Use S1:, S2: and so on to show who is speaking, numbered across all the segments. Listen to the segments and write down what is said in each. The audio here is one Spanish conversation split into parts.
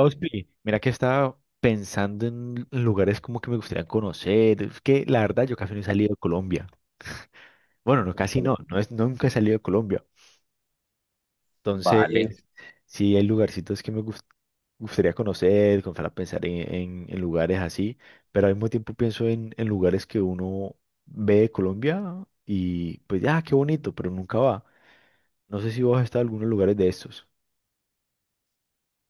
S1: Ospi, mira que estaba pensando en lugares como que me gustaría conocer. Es que la verdad yo casi no he salido de Colombia. Bueno, no, casi no, nunca he salido de Colombia. Entonces,
S2: Vale.
S1: sí hay lugarcitos que gustaría conocer, comenzar a pensar en lugares así, pero al mismo tiempo pienso en lugares que uno ve de Colombia y pues, ah, qué bonito, pero nunca va. No sé si vos has estado en algunos lugares de estos.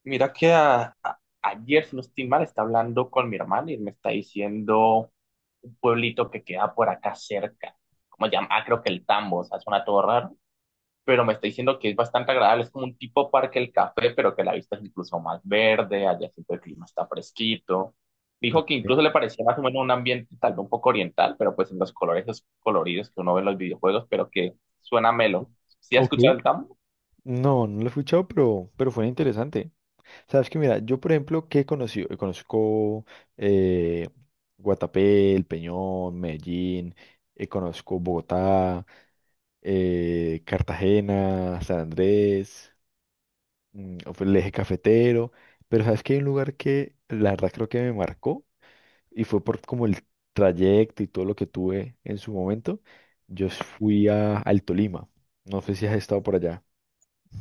S2: Mira que ayer, si no estoy mal, está hablando con mi hermana y me está diciendo un pueblito que queda por acá cerca. ¿Cómo se llama? Ah, creo que el Tambo, o sea, suena todo raro. Pero me está diciendo que es bastante agradable, es como un tipo parque el café, pero que la vista es incluso más verde, allá siempre el clima está fresquito. Dijo que
S1: Ok.
S2: incluso le parecía más o menos un ambiente tal vez un poco oriental, pero pues en los colores esos coloridos que uno ve en los videojuegos, pero que suena melo. ¿Sí has
S1: Ok.
S2: escuchado el Tambo?
S1: No, no lo he escuchado, pero fue interesante. Sabes que mira, yo por ejemplo, que he conocido, conozco eh, Guatapé, El Peñón, Medellín, conozco Bogotá, Cartagena, San Andrés, o fue el eje cafetero, pero sabes que hay un lugar que la verdad creo que me marcó y fue por como el trayecto y todo lo que tuve en su momento. Yo fui al Tolima, no sé si has estado por allá.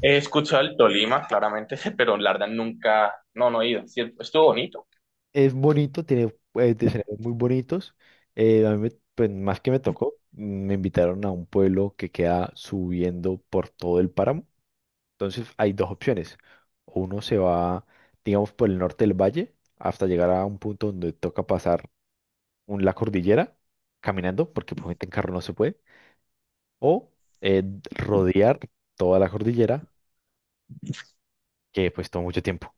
S2: He escuchado el Tolima, claramente, pero la verdad nunca, no, no he ido. Sí, estuvo bonito,
S1: Es bonito, tiene escenarios muy bonitos. Pues, más que me tocó, me invitaron a un pueblo que queda subiendo por todo el páramo. Entonces hay dos opciones. O uno se va, digamos, por el norte del valle hasta llegar a un punto donde toca pasar la cordillera caminando, porque pues en carro no se puede. O eh, rodear toda la cordillera, que pues toma mucho tiempo.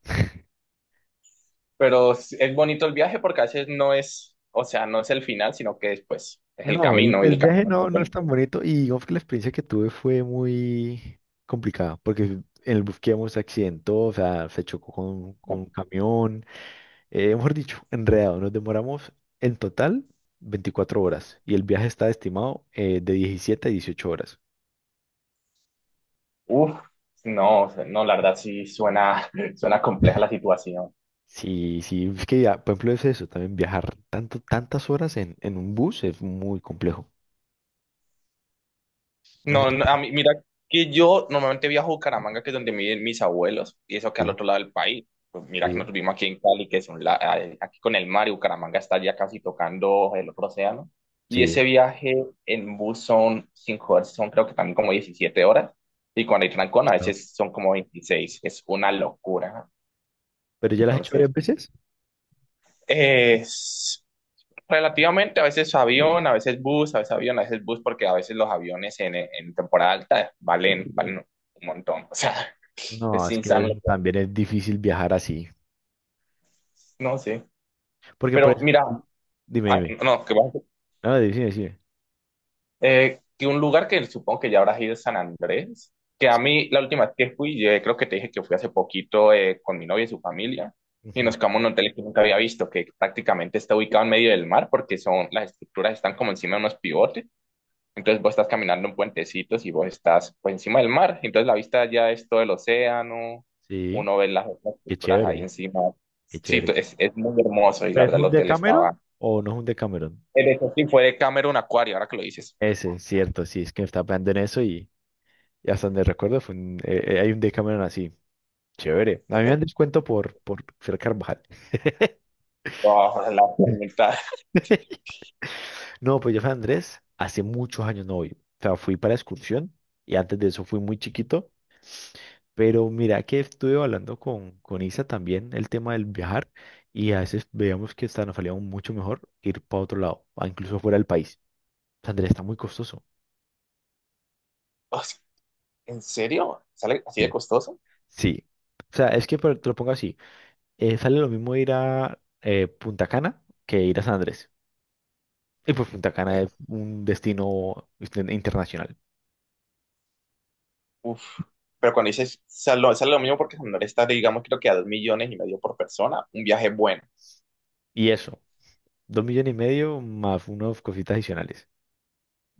S2: pero es bonito el viaje porque a veces no es, o sea, no es el final, sino que después es el
S1: No, el,
S2: camino y
S1: el
S2: el
S1: viaje
S2: camino es muy
S1: no, no es
S2: bonito.
S1: tan bonito y digamos que la experiencia que tuve fue muy complicada porque en el bus que íbamos se accidentó, o sea, se chocó con un camión, mejor dicho, enredado. Nos demoramos en total 24 horas y el viaje está estimado de 17 a 18 horas.
S2: Uf, no, o sea, no, la verdad sí suena, suena compleja la situación.
S1: Sí, sí, es que ya, por ejemplo, es eso, también viajar tanto, tantas horas en un bus es muy complejo. No sé
S2: No, no, a
S1: si-
S2: mí, mira que yo normalmente viajo a Bucaramanga, que es donde viven mis abuelos, y eso que al
S1: Sí,
S2: otro lado del país. Pues mira que
S1: sí,
S2: nosotros vivimos aquí en Cali, que es un aquí con el mar, y Bucaramanga está ya casi tocando el otro océano. Y
S1: sí.
S2: ese viaje en bus son 5 horas, son creo que también como 17 horas, y cuando hay trancón a veces son como 26, es una locura.
S1: Pero ya las has hecho
S2: Entonces,
S1: varias veces.
S2: eh, relativamente, a veces avión, a veces bus, a veces avión, a veces bus, porque a veces los aviones en temporada alta valen, valen un montón. O sea,
S1: No,
S2: es insano hacen.
S1: también es difícil viajar así.
S2: No sé.
S1: Porque por
S2: Pero
S1: eso...
S2: mira,
S1: Dime,
S2: ay,
S1: dime.
S2: no,
S1: No, dime, dime.
S2: que un lugar que supongo que ya habrás ido es San Andrés, que a
S1: Sí,
S2: mí la última vez que fui, yo creo que te dije que fui hace poquito con mi novia y su familia, y
S1: ujú.
S2: nos quedamos en un hotel que nunca había visto, que prácticamente está ubicado en medio del mar, porque son, las estructuras están como encima de unos pivotes. Entonces vos estás caminando en puentecitos y vos estás pues encima del mar. Entonces la vista ya es todo el océano,
S1: Sí,
S2: uno ve las otras
S1: qué
S2: culturas ahí
S1: chévere,
S2: encima.
S1: qué
S2: Sí,
S1: chévere.
S2: es muy hermoso y la
S1: ¿Pero es
S2: verdad el
S1: un
S2: hotel
S1: Decameron
S2: estaba...
S1: o no es un Decameron?
S2: En eso sí fue de Cameron Aquarium, ahora que lo dices.
S1: Ese, cierto, sí, es que estaba pensando en eso y hasta donde recuerdo hay un Decameron así. Chévere. A mí me dan descuento por ser Carvajal.
S2: Oh, la mitad.
S1: No, pues yo fui a Andrés hace muchos años no voy. O sea, fui para excursión y antes de eso fui muy chiquito. Pero mira que estuve hablando con Isa también el tema del viajar y a veces veíamos que hasta nos salía aún mucho mejor ir para otro lado, a incluso fuera del país. Andrés, está muy costoso.
S2: O sea, ¿en serio? ¿Sale así de
S1: Sí.
S2: costoso?
S1: Sí. O sea, es que pero te lo pongo así. Sale lo mismo ir a Punta Cana que ir a San Andrés. Y pues Punta Cana
S2: Eh,
S1: es un destino internacional.
S2: Uf. Pero cuando dices, sale, sale lo mismo porque Santander está, digamos, creo que a 2,5 millones por persona, un viaje bueno.
S1: Y eso, 2,5 millones más unas cositas adicionales.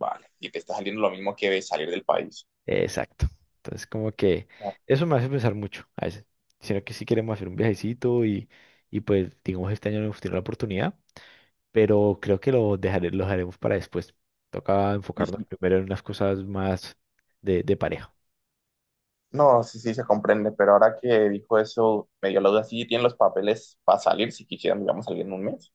S2: Vale, y te está saliendo lo mismo que salir del país.
S1: Exacto. Entonces, como que eso me hace pensar mucho a veces. Sino que sí queremos hacer un viajecito y pues, digamos, este año no hemos tenido la oportunidad, pero creo que lo dejaré, lo haremos para después. Toca enfocarnos primero en unas cosas más de pareja.
S2: No, sí, sí, se comprende, pero ahora que dijo eso, me dio la duda, ¿sí tienen los papeles para salir si quisieran, digamos, salir en un mes?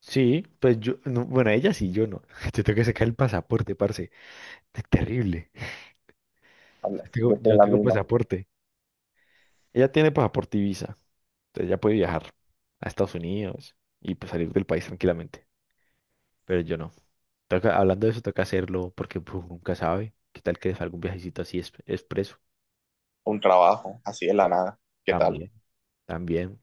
S1: Sí, pues yo, no, bueno, ella sí, yo no. Yo tengo que sacar el pasaporte, parce. Es terrible.
S2: Habla, yo
S1: Yo
S2: estoy en
S1: no
S2: la
S1: tengo
S2: misma,
S1: pasaporte. Ella tiene pasaporte y visa. Entonces ya puede viajar a Estados Unidos y pues salir del país tranquilamente. Pero yo no. Hablando de eso, toca hacerlo porque pues, uno nunca sabe. ¿Qué tal que les salga un viajecito así expreso?
S2: un trabajo, así de la nada, ¿qué tal?
S1: También, también.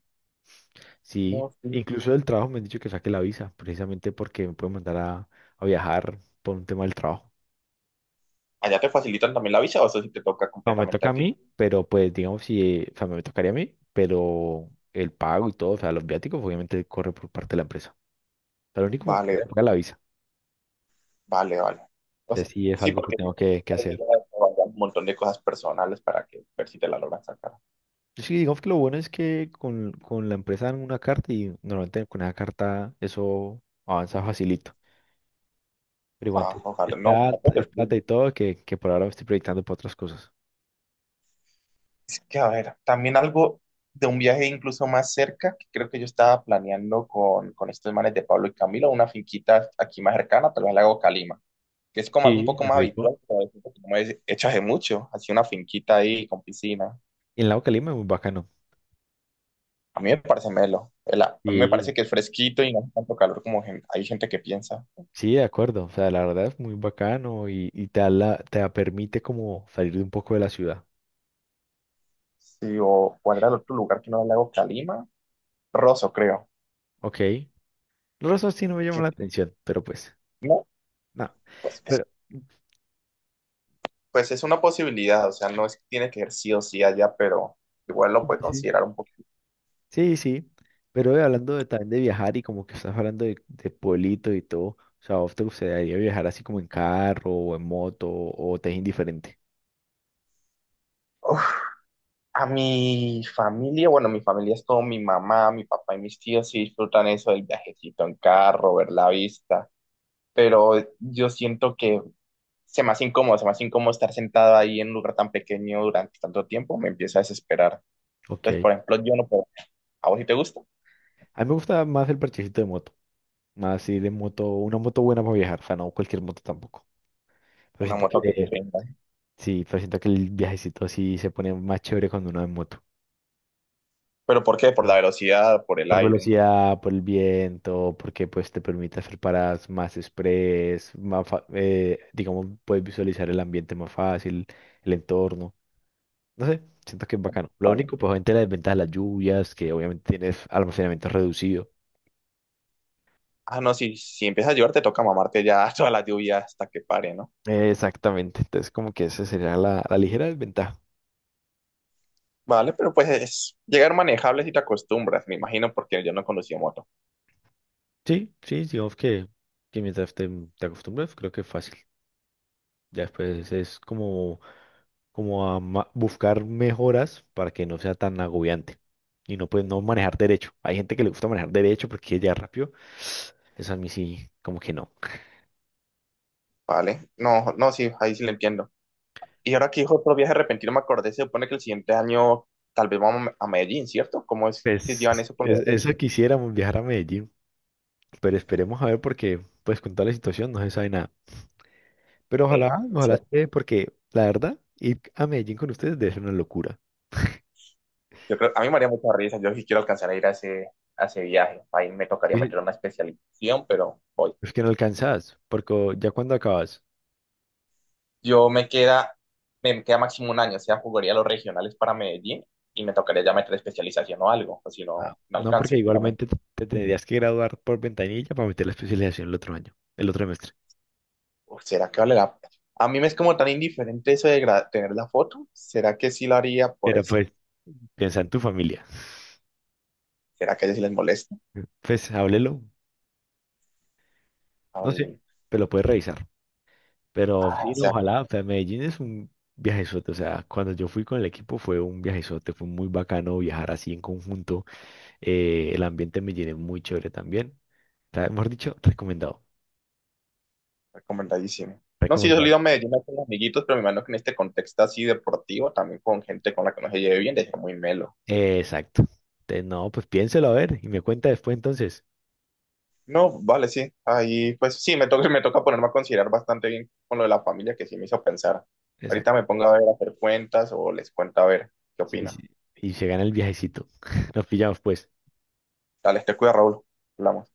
S1: Sí,
S2: No, sí.
S1: incluso del trabajo me han dicho que saque la visa, precisamente porque me pueden mandar a viajar por un tema del trabajo.
S2: ¿Allá te facilitan también la visa o eso sí te toca
S1: No, me
S2: completamente
S1: toca a
S2: a ti?
S1: mí, pero pues digamos, si, o sea, me tocaría a mí, pero el pago y todo, o sea, los viáticos obviamente corre por parte de la empresa. O sea, lo único que te queda
S2: Vale,
S1: es pagar la visa.
S2: vale, vale. O
S1: Y
S2: sea,
S1: así es
S2: sí,
S1: algo que
S2: porque
S1: tengo que
S2: hay que
S1: hacer.
S2: ya un montón de cosas personales para que ver si te la logran sacar.
S1: Sí, digamos que lo bueno es que con la empresa dan una carta y normalmente con esa carta eso avanza facilito.
S2: Ah,
S1: Es
S2: ojalá, no, tampoco
S1: plata,
S2: te...
S1: es plata y todo que por ahora estoy proyectando para otras cosas.
S2: Es que, a ver, también algo de un viaje incluso más cerca, que creo que yo estaba planeando con estos manes de Pablo y Camilo, una finquita aquí más cercana, tal al lago Calima, que es como algo un
S1: Sí,
S2: poco
S1: es
S2: más
S1: rico.
S2: habitual, pero es algo que no es hecho hace mucho, así una finquita ahí con piscina.
S1: Y en Lago Calima es muy bacano.
S2: A mí me parece melo, el a mí me
S1: Sí.
S2: parece que es fresquito y no hace tanto calor como hay gente que piensa.
S1: Sí, de acuerdo. O sea, la verdad es muy bacano y te da la- te da- permite como salir de un poco de la ciudad.
S2: Sí, ¿o cuál era el otro lugar que no era el lago Calima? Rosso, creo.
S1: Ok. Los rostros sí no me llaman
S2: Que,
S1: la atención, pero pues,
S2: no,
S1: no.
S2: pues...
S1: Pero,
S2: Pues es una posibilidad, o sea, no es que tiene que ir sí o sí allá, pero igual lo puede considerar un poquito.
S1: Sí, sí, pero hablando de, también de viajar y como que estás hablando de pueblito y todo, o sea, ¿a ¿vos te gustaría viajar así como en carro o en moto o te es indiferente?
S2: Uf, a mi familia, bueno, mi familia es todo mi mamá, mi papá y mis tíos sí disfrutan eso del viajecito en carro, ver la vista, pero yo siento que se me hace incómodo, se me hace incómodo estar sentado ahí en un lugar tan pequeño durante tanto tiempo, me empieza a desesperar.
S1: Ok.
S2: Entonces, por ejemplo, yo no puedo, ¿a vos si te gusta?
S1: A mí me gusta más el parchecito de moto, más ir en moto, una moto buena para viajar, o sea, no cualquier moto tampoco, pero
S2: Una moto que te rinda.
S1: pero siento que el viajecito así se pone más chévere cuando uno va en moto.
S2: ¿Pero por qué? ¿Por la velocidad, por el
S1: Por
S2: aire?
S1: velocidad, por el viento, porque pues te permite hacer paradas más express, digamos, puedes visualizar el ambiente más fácil, el entorno. No sé, siento que es bacano. Lo
S2: ¿Vale?
S1: único, pues obviamente la desventaja de las lluvias, que obviamente tienes almacenamiento reducido.
S2: Ah, no, si, si empiezas a llover te toca mamarte ya toda la lluvia hasta que pare, ¿no?
S1: Exactamente, entonces como que esa sería la, la ligera desventaja.
S2: Vale, pero pues es llegar manejable si te acostumbras, me imagino, porque yo no conducía moto.
S1: Sí, sí, digamos que mientras te acostumbras, creo que es fácil. Ya después es como buscar mejoras para que no sea tan agobiante y no pues no manejar derecho. Hay gente que le gusta manejar derecho porque quiere llegar rápido. Eso a mí sí, como que no.
S2: Vale, no, no, sí, ahí sí lo entiendo. Y ahora que dijo otro viaje repentino, me acordé, se supone que el siguiente año tal vez vamos a a Medellín, ¿cierto? ¿Cómo es que
S1: Pues
S2: llevan eso con los
S1: Eso quisiéramos viajar a Medellín, pero esperemos a ver porque pues con toda la situación no se sabe nada. Pero
S2: eh,
S1: ojalá,
S2: sí,
S1: ojalá se dé, porque la verdad ir a Medellín con ustedes debe ser una locura.
S2: yo creo, a mí me haría mucha risa, yo sí quiero alcanzar a ir a a ese viaje. Ahí me tocaría
S1: Sí,
S2: meter una especialización, pero voy.
S1: es que no alcanzas, porque ya cuando acabas.
S2: Yo me queda, me queda máximo un año, o sea, jugaría los regionales para Medellín y me tocaría ya meter especialización o algo, o si
S1: Ah,
S2: no, no
S1: no,
S2: alcance.
S1: porque
S2: Justamente.
S1: igualmente te tendrías que graduar por ventanilla para meter la especialización el otro año, el otro semestre.
S2: Uf, ¿será que vale la pena? A mí me es como tan indiferente eso de tener la foto. ¿Será que sí lo haría por
S1: Pero
S2: eso?
S1: pues, piensa en tu familia.
S2: ¿Será que a ellos sí les molesta?
S1: Pues háblelo, no sé,
S2: Hable-.
S1: pero lo puedes revisar. Pero
S2: Ah, o
S1: sí, no,
S2: sea, que
S1: ojalá, o sea, Medellín es un viajezote, o sea, cuando yo fui con el equipo fue un viajezote, fue muy bacano viajar así en conjunto. El ambiente en Medellín es muy chévere también. O sea, mejor dicho, recomendado.
S2: recomendadísimo. No, sí, yo he
S1: Recomendado.
S2: salido a Medellín con amiguitos, pero me imagino que en este contexto así deportivo, también con gente con la que no se lleve bien, de ser muy melo.
S1: Exacto. Entonces, no, pues piénselo a ver y me cuenta después entonces.
S2: No, vale, sí. Ahí, pues sí, me toca, me toca ponerme a considerar bastante bien con lo de la familia que sí me hizo pensar. Ahorita me
S1: Exacto.
S2: pongo a ver, a hacer cuentas o les cuento a ver qué
S1: Sí, sí.
S2: opina.
S1: Y se gana el viajecito. Nos pillamos pues.
S2: Dale, te cuida, Raúl. Hablamos.